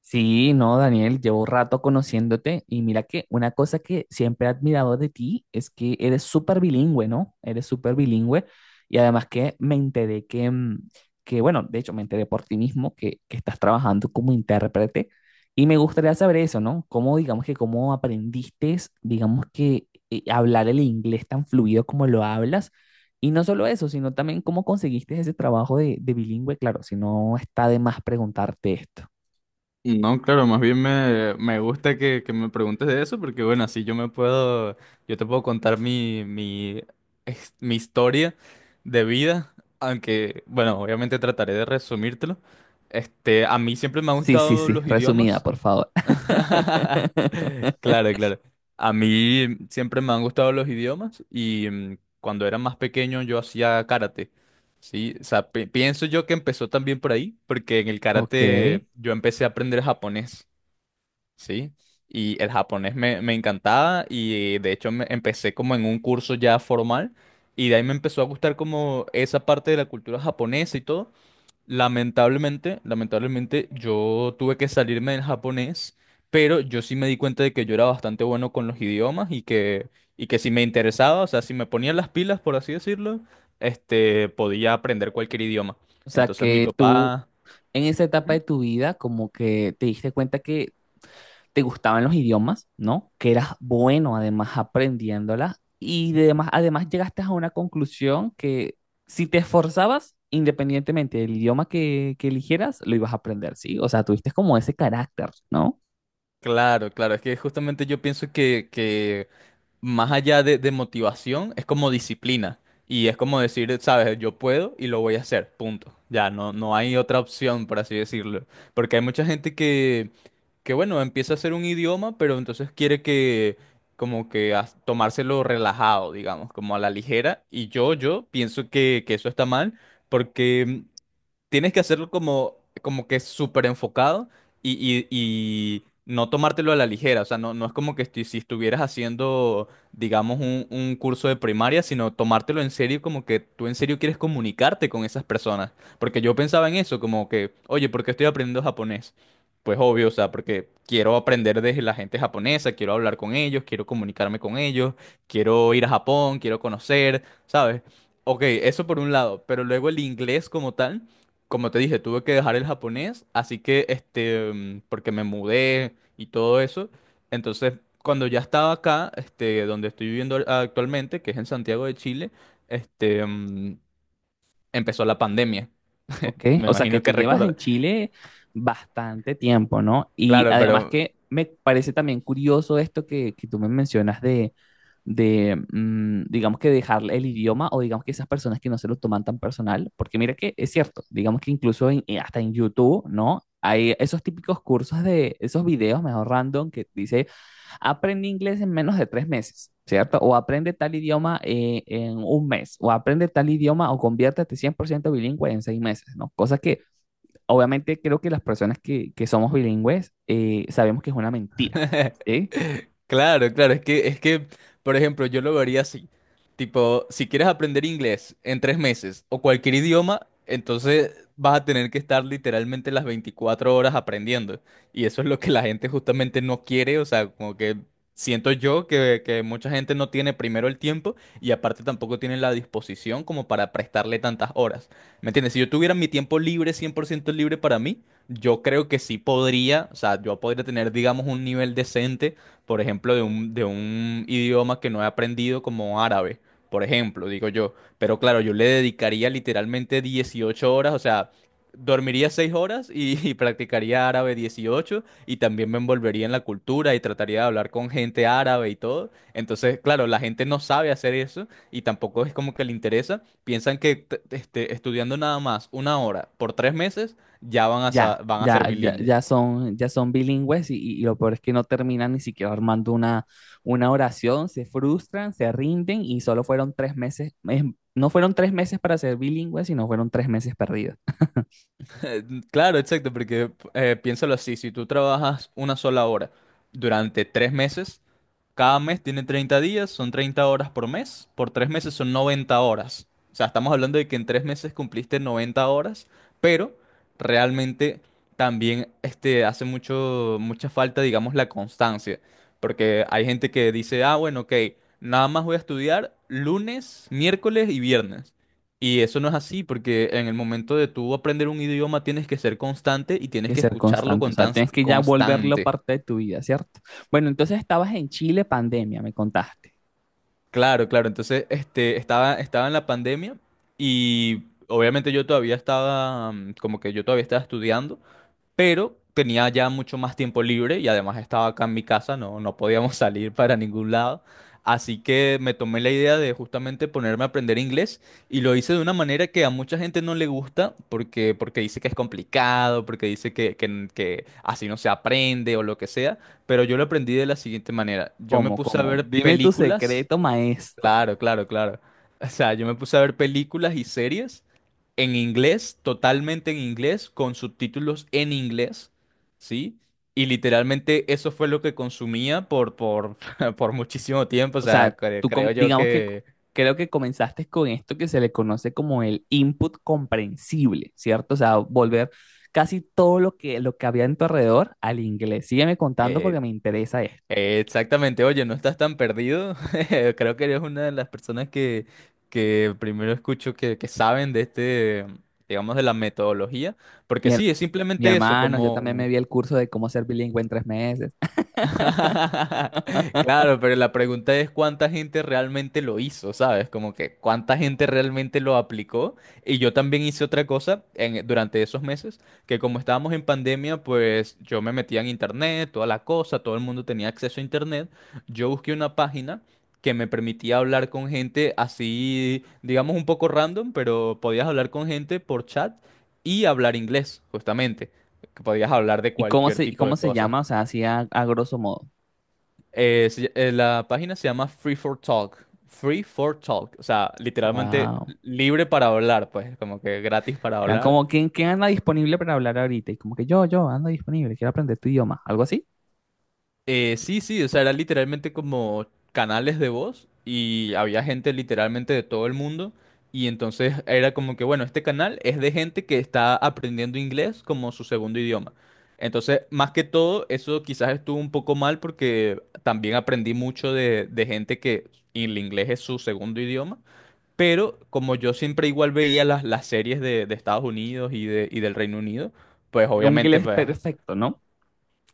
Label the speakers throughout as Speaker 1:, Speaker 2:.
Speaker 1: Sí, no, Daniel, llevo rato conociéndote y mira que una cosa que siempre he admirado de ti es que eres súper bilingüe, ¿no? Eres súper bilingüe y además que me enteré que, bueno, de hecho me enteré por ti mismo que estás trabajando como intérprete y me gustaría saber eso, ¿no? ¿Cómo, digamos que, cómo aprendiste, digamos que, hablar el inglés tan fluido como lo hablas? Y no solo eso, sino también cómo conseguiste ese trabajo de bilingüe, claro, si no está de más preguntarte esto.
Speaker 2: No, claro, más bien me gusta que me preguntes de eso, porque bueno, así yo te puedo contar mi historia de vida, aunque, bueno, obviamente trataré de resumírtelo. Este, a mí siempre me han
Speaker 1: Sí, sí,
Speaker 2: gustado
Speaker 1: sí,
Speaker 2: los
Speaker 1: resumida,
Speaker 2: idiomas.
Speaker 1: por favor.
Speaker 2: Claro, claro. A mí siempre me han gustado los idiomas y cuando era más pequeño yo hacía karate. Sí, o sea, pienso yo que empezó también por ahí, porque en el
Speaker 1: Ok.
Speaker 2: karate yo empecé a aprender japonés. Sí, y el japonés me encantaba y de hecho empecé como en un curso ya formal y de ahí me empezó a gustar como esa parte de la cultura japonesa y todo. Lamentablemente, lamentablemente yo tuve que salirme del japonés, pero yo sí me di cuenta de que yo era bastante bueno con los idiomas y que, si me interesaba, o sea, si me ponía las pilas, por así decirlo, este, podía aprender cualquier idioma.
Speaker 1: O sea
Speaker 2: Entonces mi
Speaker 1: que tú
Speaker 2: papá...
Speaker 1: en esa etapa
Speaker 2: Ujú.
Speaker 1: de tu vida como que te diste cuenta que te gustaban los idiomas, ¿no? Que eras bueno además aprendiéndolas y además llegaste a una conclusión que si te esforzabas, independientemente del idioma que eligieras, lo ibas a aprender, ¿sí? O sea, tuviste como ese carácter, ¿no?
Speaker 2: Claro, claro, es que justamente yo pienso que, más allá de motivación, es como disciplina. Y es como decir, sabes, yo puedo y lo voy a hacer, punto. Ya, no, no hay otra opción, por así decirlo. Porque hay mucha gente que, bueno, empieza a hacer un idioma, pero entonces quiere que, como que tomárselo relajado, digamos, como a la ligera. Y yo pienso que, eso está mal, porque tienes que hacerlo como que súper enfocado y, y no tomártelo a la ligera. O sea, no, no es como que si estuvieras haciendo, digamos, un curso de primaria, sino tomártelo en serio, como que tú en serio quieres comunicarte con esas personas. Porque yo pensaba en eso, como que, oye, ¿por qué estoy aprendiendo japonés? Pues obvio, o sea, porque quiero aprender de la gente japonesa, quiero hablar con ellos, quiero comunicarme con ellos, quiero ir a Japón, quiero conocer, ¿sabes? Ok, eso por un lado, pero luego el inglés como tal. Como te dije, tuve que dejar el japonés, así que este, porque me mudé y todo eso. Entonces, cuando ya estaba acá, este, donde estoy viviendo actualmente, que es en Santiago de Chile, este, empezó la pandemia.
Speaker 1: Ok,
Speaker 2: Me
Speaker 1: o sea que
Speaker 2: imagino
Speaker 1: tú
Speaker 2: que
Speaker 1: llevas
Speaker 2: recuerda.
Speaker 1: en Chile bastante tiempo, ¿no? Y
Speaker 2: Claro, pero
Speaker 1: además que me parece también curioso esto que tú me mencionas digamos que dejar el idioma o digamos que esas personas que no se lo toman tan personal, porque mira que es cierto, digamos que incluso hasta en YouTube, ¿no? Hay esos típicos cursos de esos videos, mejor random, que dice aprende inglés en menos de 3 meses, ¿cierto? O aprende tal idioma en un mes, o aprende tal idioma o conviértete 100% bilingüe en 6 meses, ¿no? Cosa que obviamente creo que las personas que somos bilingües sabemos que es una mentira, ¿sí?
Speaker 2: Claro, claro, es que, por ejemplo, yo lo vería así. Tipo, si quieres aprender inglés en 3 meses o cualquier idioma, entonces vas a tener que estar literalmente las 24 horas aprendiendo. Y eso es lo que la gente justamente no quiere, o sea, como que siento yo que mucha gente no tiene primero el tiempo y aparte tampoco tiene la disposición como para prestarle tantas horas. ¿Me entiendes? Si yo tuviera mi tiempo libre, 100% libre para mí, yo creo que sí podría, o sea, yo podría tener, digamos, un nivel decente, por ejemplo, de un idioma que no he aprendido como árabe, por ejemplo, digo yo. Pero claro, yo le dedicaría literalmente 18 horas, o sea, dormiría 6 horas y, y practicaría árabe 18 y también me envolvería en la cultura y trataría de hablar con gente árabe y todo. Entonces, claro, la gente no sabe hacer eso y tampoco es como que le interesa. Piensan que este, estudiando nada más 1 hora por 3 meses ya van a,
Speaker 1: Ya,
Speaker 2: sa- van a ser
Speaker 1: ya, ya,
Speaker 2: bilingües.
Speaker 1: ya son bilingües y lo peor es que no terminan ni siquiera armando una oración, se frustran, se rinden y solo fueron 3 meses, no fueron 3 meses para ser bilingües, sino fueron 3 meses perdidos.
Speaker 2: Claro, exacto, porque piénsalo así, si tú trabajas 1 sola hora durante 3 meses, cada mes tiene 30 días, son 30 horas por mes, por 3 meses son 90 horas. O sea, estamos hablando de que en 3 meses cumpliste 90 horas, pero realmente también este, hace mucha falta, digamos, la constancia, porque hay gente que dice, ah, bueno, ok, nada más voy a estudiar lunes, miércoles y viernes. Y eso no es así, porque en el momento de tú aprender un idioma tienes que ser constante y tienes
Speaker 1: Que
Speaker 2: que
Speaker 1: ser
Speaker 2: escucharlo
Speaker 1: constante, o
Speaker 2: con
Speaker 1: sea, tienes que ya volverlo
Speaker 2: constante.
Speaker 1: parte de tu vida, ¿cierto? Bueno, entonces estabas en Chile, pandemia, me contaste.
Speaker 2: Claro, claro. Entonces, este, estaba en la pandemia y obviamente yo todavía estaba, como que yo todavía estaba estudiando. Pero tenía ya mucho más tiempo libre y además estaba acá en mi casa, no, no podíamos salir para ningún lado. Así que me tomé la idea de justamente ponerme a aprender inglés y lo hice de una manera que a mucha gente no le gusta porque, dice que es complicado, porque dice que así no se aprende o lo que sea, pero yo lo aprendí de la siguiente manera. Yo me
Speaker 1: ¿Cómo,
Speaker 2: puse a
Speaker 1: cómo?
Speaker 2: ver
Speaker 1: Dime tu
Speaker 2: películas.
Speaker 1: secreto, maestro.
Speaker 2: Claro, claro, claro. O sea, yo me puse a ver películas y series en inglés, totalmente en inglés, con subtítulos en inglés, ¿sí? Y literalmente eso fue lo que consumía por, por muchísimo tiempo. O
Speaker 1: O sea,
Speaker 2: sea, cre-
Speaker 1: tú com-
Speaker 2: creo yo
Speaker 1: digamos que c-
Speaker 2: que...
Speaker 1: creo que comenzaste con esto que se le conoce como el input comprensible, ¿cierto? O sea, volver casi todo lo que había en tu alrededor al inglés. Sígueme contando
Speaker 2: eh,
Speaker 1: porque me interesa esto.
Speaker 2: exactamente, oye, no estás tan perdido. Creo que eres una de las personas que, primero escucho que saben de este, digamos, de la metodología. Porque
Speaker 1: Mi, her-
Speaker 2: sí, es
Speaker 1: Mi
Speaker 2: simplemente eso,
Speaker 1: hermano, yo también me
Speaker 2: como...
Speaker 1: vi el curso de cómo ser bilingüe en 3 meses.
Speaker 2: Claro, pero la pregunta es cuánta gente realmente lo hizo, ¿sabes? Como que cuánta gente realmente lo aplicó. Y yo también hice otra cosa durante esos meses, que como estábamos en pandemia, pues yo me metía en internet, toda la cosa, todo el mundo tenía acceso a internet. Yo busqué una página que me permitía hablar con gente así, digamos un poco random, pero podías hablar con gente por chat y hablar inglés, justamente. Que podías hablar de
Speaker 1: ¿Y
Speaker 2: cualquier tipo de
Speaker 1: cómo se
Speaker 2: cosas.
Speaker 1: llama? O sea, así a grosso modo.
Speaker 2: La página se llama Free for Talk. Free for Talk. O sea, literalmente
Speaker 1: Wow.
Speaker 2: libre para hablar, pues, como que gratis para
Speaker 1: Eran
Speaker 2: hablar.
Speaker 1: como, quién anda disponible para hablar ahorita? Y como que yo ando disponible, quiero aprender tu idioma, algo así.
Speaker 2: Sí, sí, o sea, era literalmente como canales de voz y había gente literalmente de todo el mundo. Y entonces era como que, bueno, este canal es de gente que está aprendiendo inglés como su segundo idioma. Entonces, más que todo, eso quizás estuvo un poco mal porque también aprendí mucho de, gente que el inglés es su segundo idioma. Pero como yo siempre igual veía las, series de Estados Unidos y del Reino Unido, pues
Speaker 1: Era un
Speaker 2: obviamente
Speaker 1: inglés
Speaker 2: pues,
Speaker 1: perfecto, ¿no?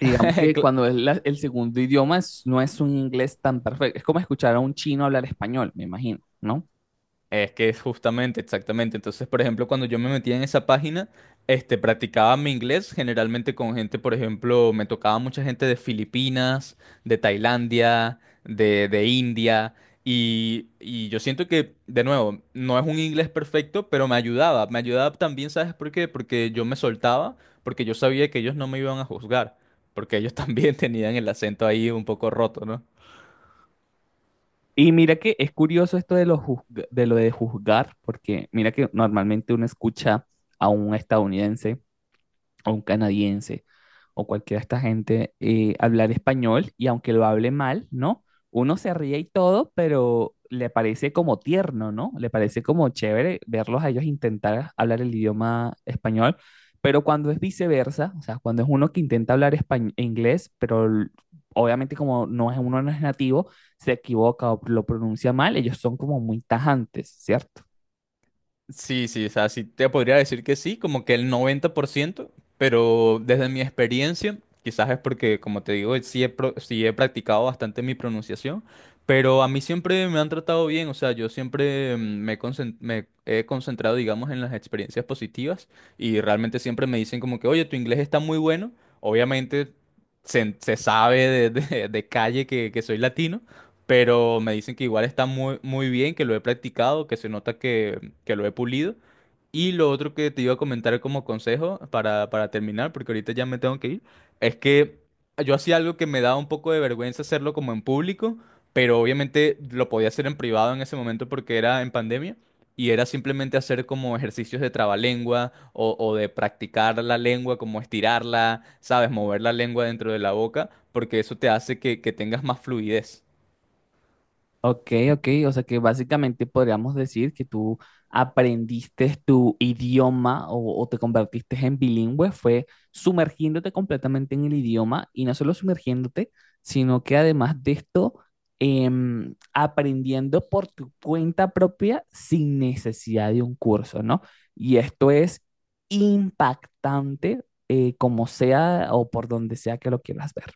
Speaker 1: Y digamos que cuando el segundo no es un inglés tan perfecto, es como escuchar a un chino hablar español, me imagino, ¿no?
Speaker 2: Es que es justamente, exactamente. Entonces, por ejemplo, cuando yo me metía en esa página, este, practicaba mi inglés generalmente con gente, por ejemplo, me tocaba mucha gente de Filipinas, de Tailandia, de India. Y yo siento que, de nuevo, no es un inglés perfecto, pero me ayudaba. Me ayudaba también, ¿sabes por qué? Porque yo me soltaba, porque yo sabía que ellos no me iban a juzgar, porque ellos también tenían el acento ahí un poco roto, ¿no?
Speaker 1: Y mira que es curioso esto de lo de juzgar, porque mira que normalmente uno escucha a un estadounidense o un canadiense o cualquiera de esta gente hablar español y aunque lo hable mal, ¿no? Uno se ríe y todo, pero le parece como tierno, ¿no? Le parece como chévere verlos a ellos intentar hablar el idioma español, pero cuando es viceversa, o sea, cuando es uno que intenta hablar inglés, obviamente como no es uno no es nativo, se equivoca o lo pronuncia mal, ellos son como muy tajantes, ¿cierto?
Speaker 2: Sí, sí, o sea, sí te podría decir que sí, como que el 90%, pero desde mi experiencia, quizás es porque, como te digo, sí he practicado bastante mi pronunciación, pero a mí siempre me han tratado bien, o sea, yo siempre me he concentrado, digamos, en las experiencias positivas y realmente siempre me dicen como que, oye, tu inglés está muy bueno, obviamente se sabe de calle que soy latino. Pero me dicen que igual está muy, muy bien, que lo he practicado, que se nota que, lo he pulido. Y lo otro que te iba a comentar como consejo para terminar, porque ahorita ya me tengo que ir, es que yo hacía algo que me daba un poco de vergüenza hacerlo como en público, pero obviamente lo podía hacer en privado en ese momento porque era en pandemia. Y era simplemente hacer como ejercicios de trabalengua o de practicar la lengua, como estirarla, ¿sabes? Mover la lengua dentro de la boca, porque eso te hace que, tengas más fluidez.
Speaker 1: Ok, ok, o sea que básicamente podríamos decir que tú aprendiste tu idioma o te convertiste en bilingüe, fue sumergiéndote completamente en el idioma y no solo sumergiéndote, sino que además de esto, em, aprendiendo por tu cuenta propia sin necesidad de un curso, ¿no? Y esto es impactante, como sea o por donde sea que lo quieras ver.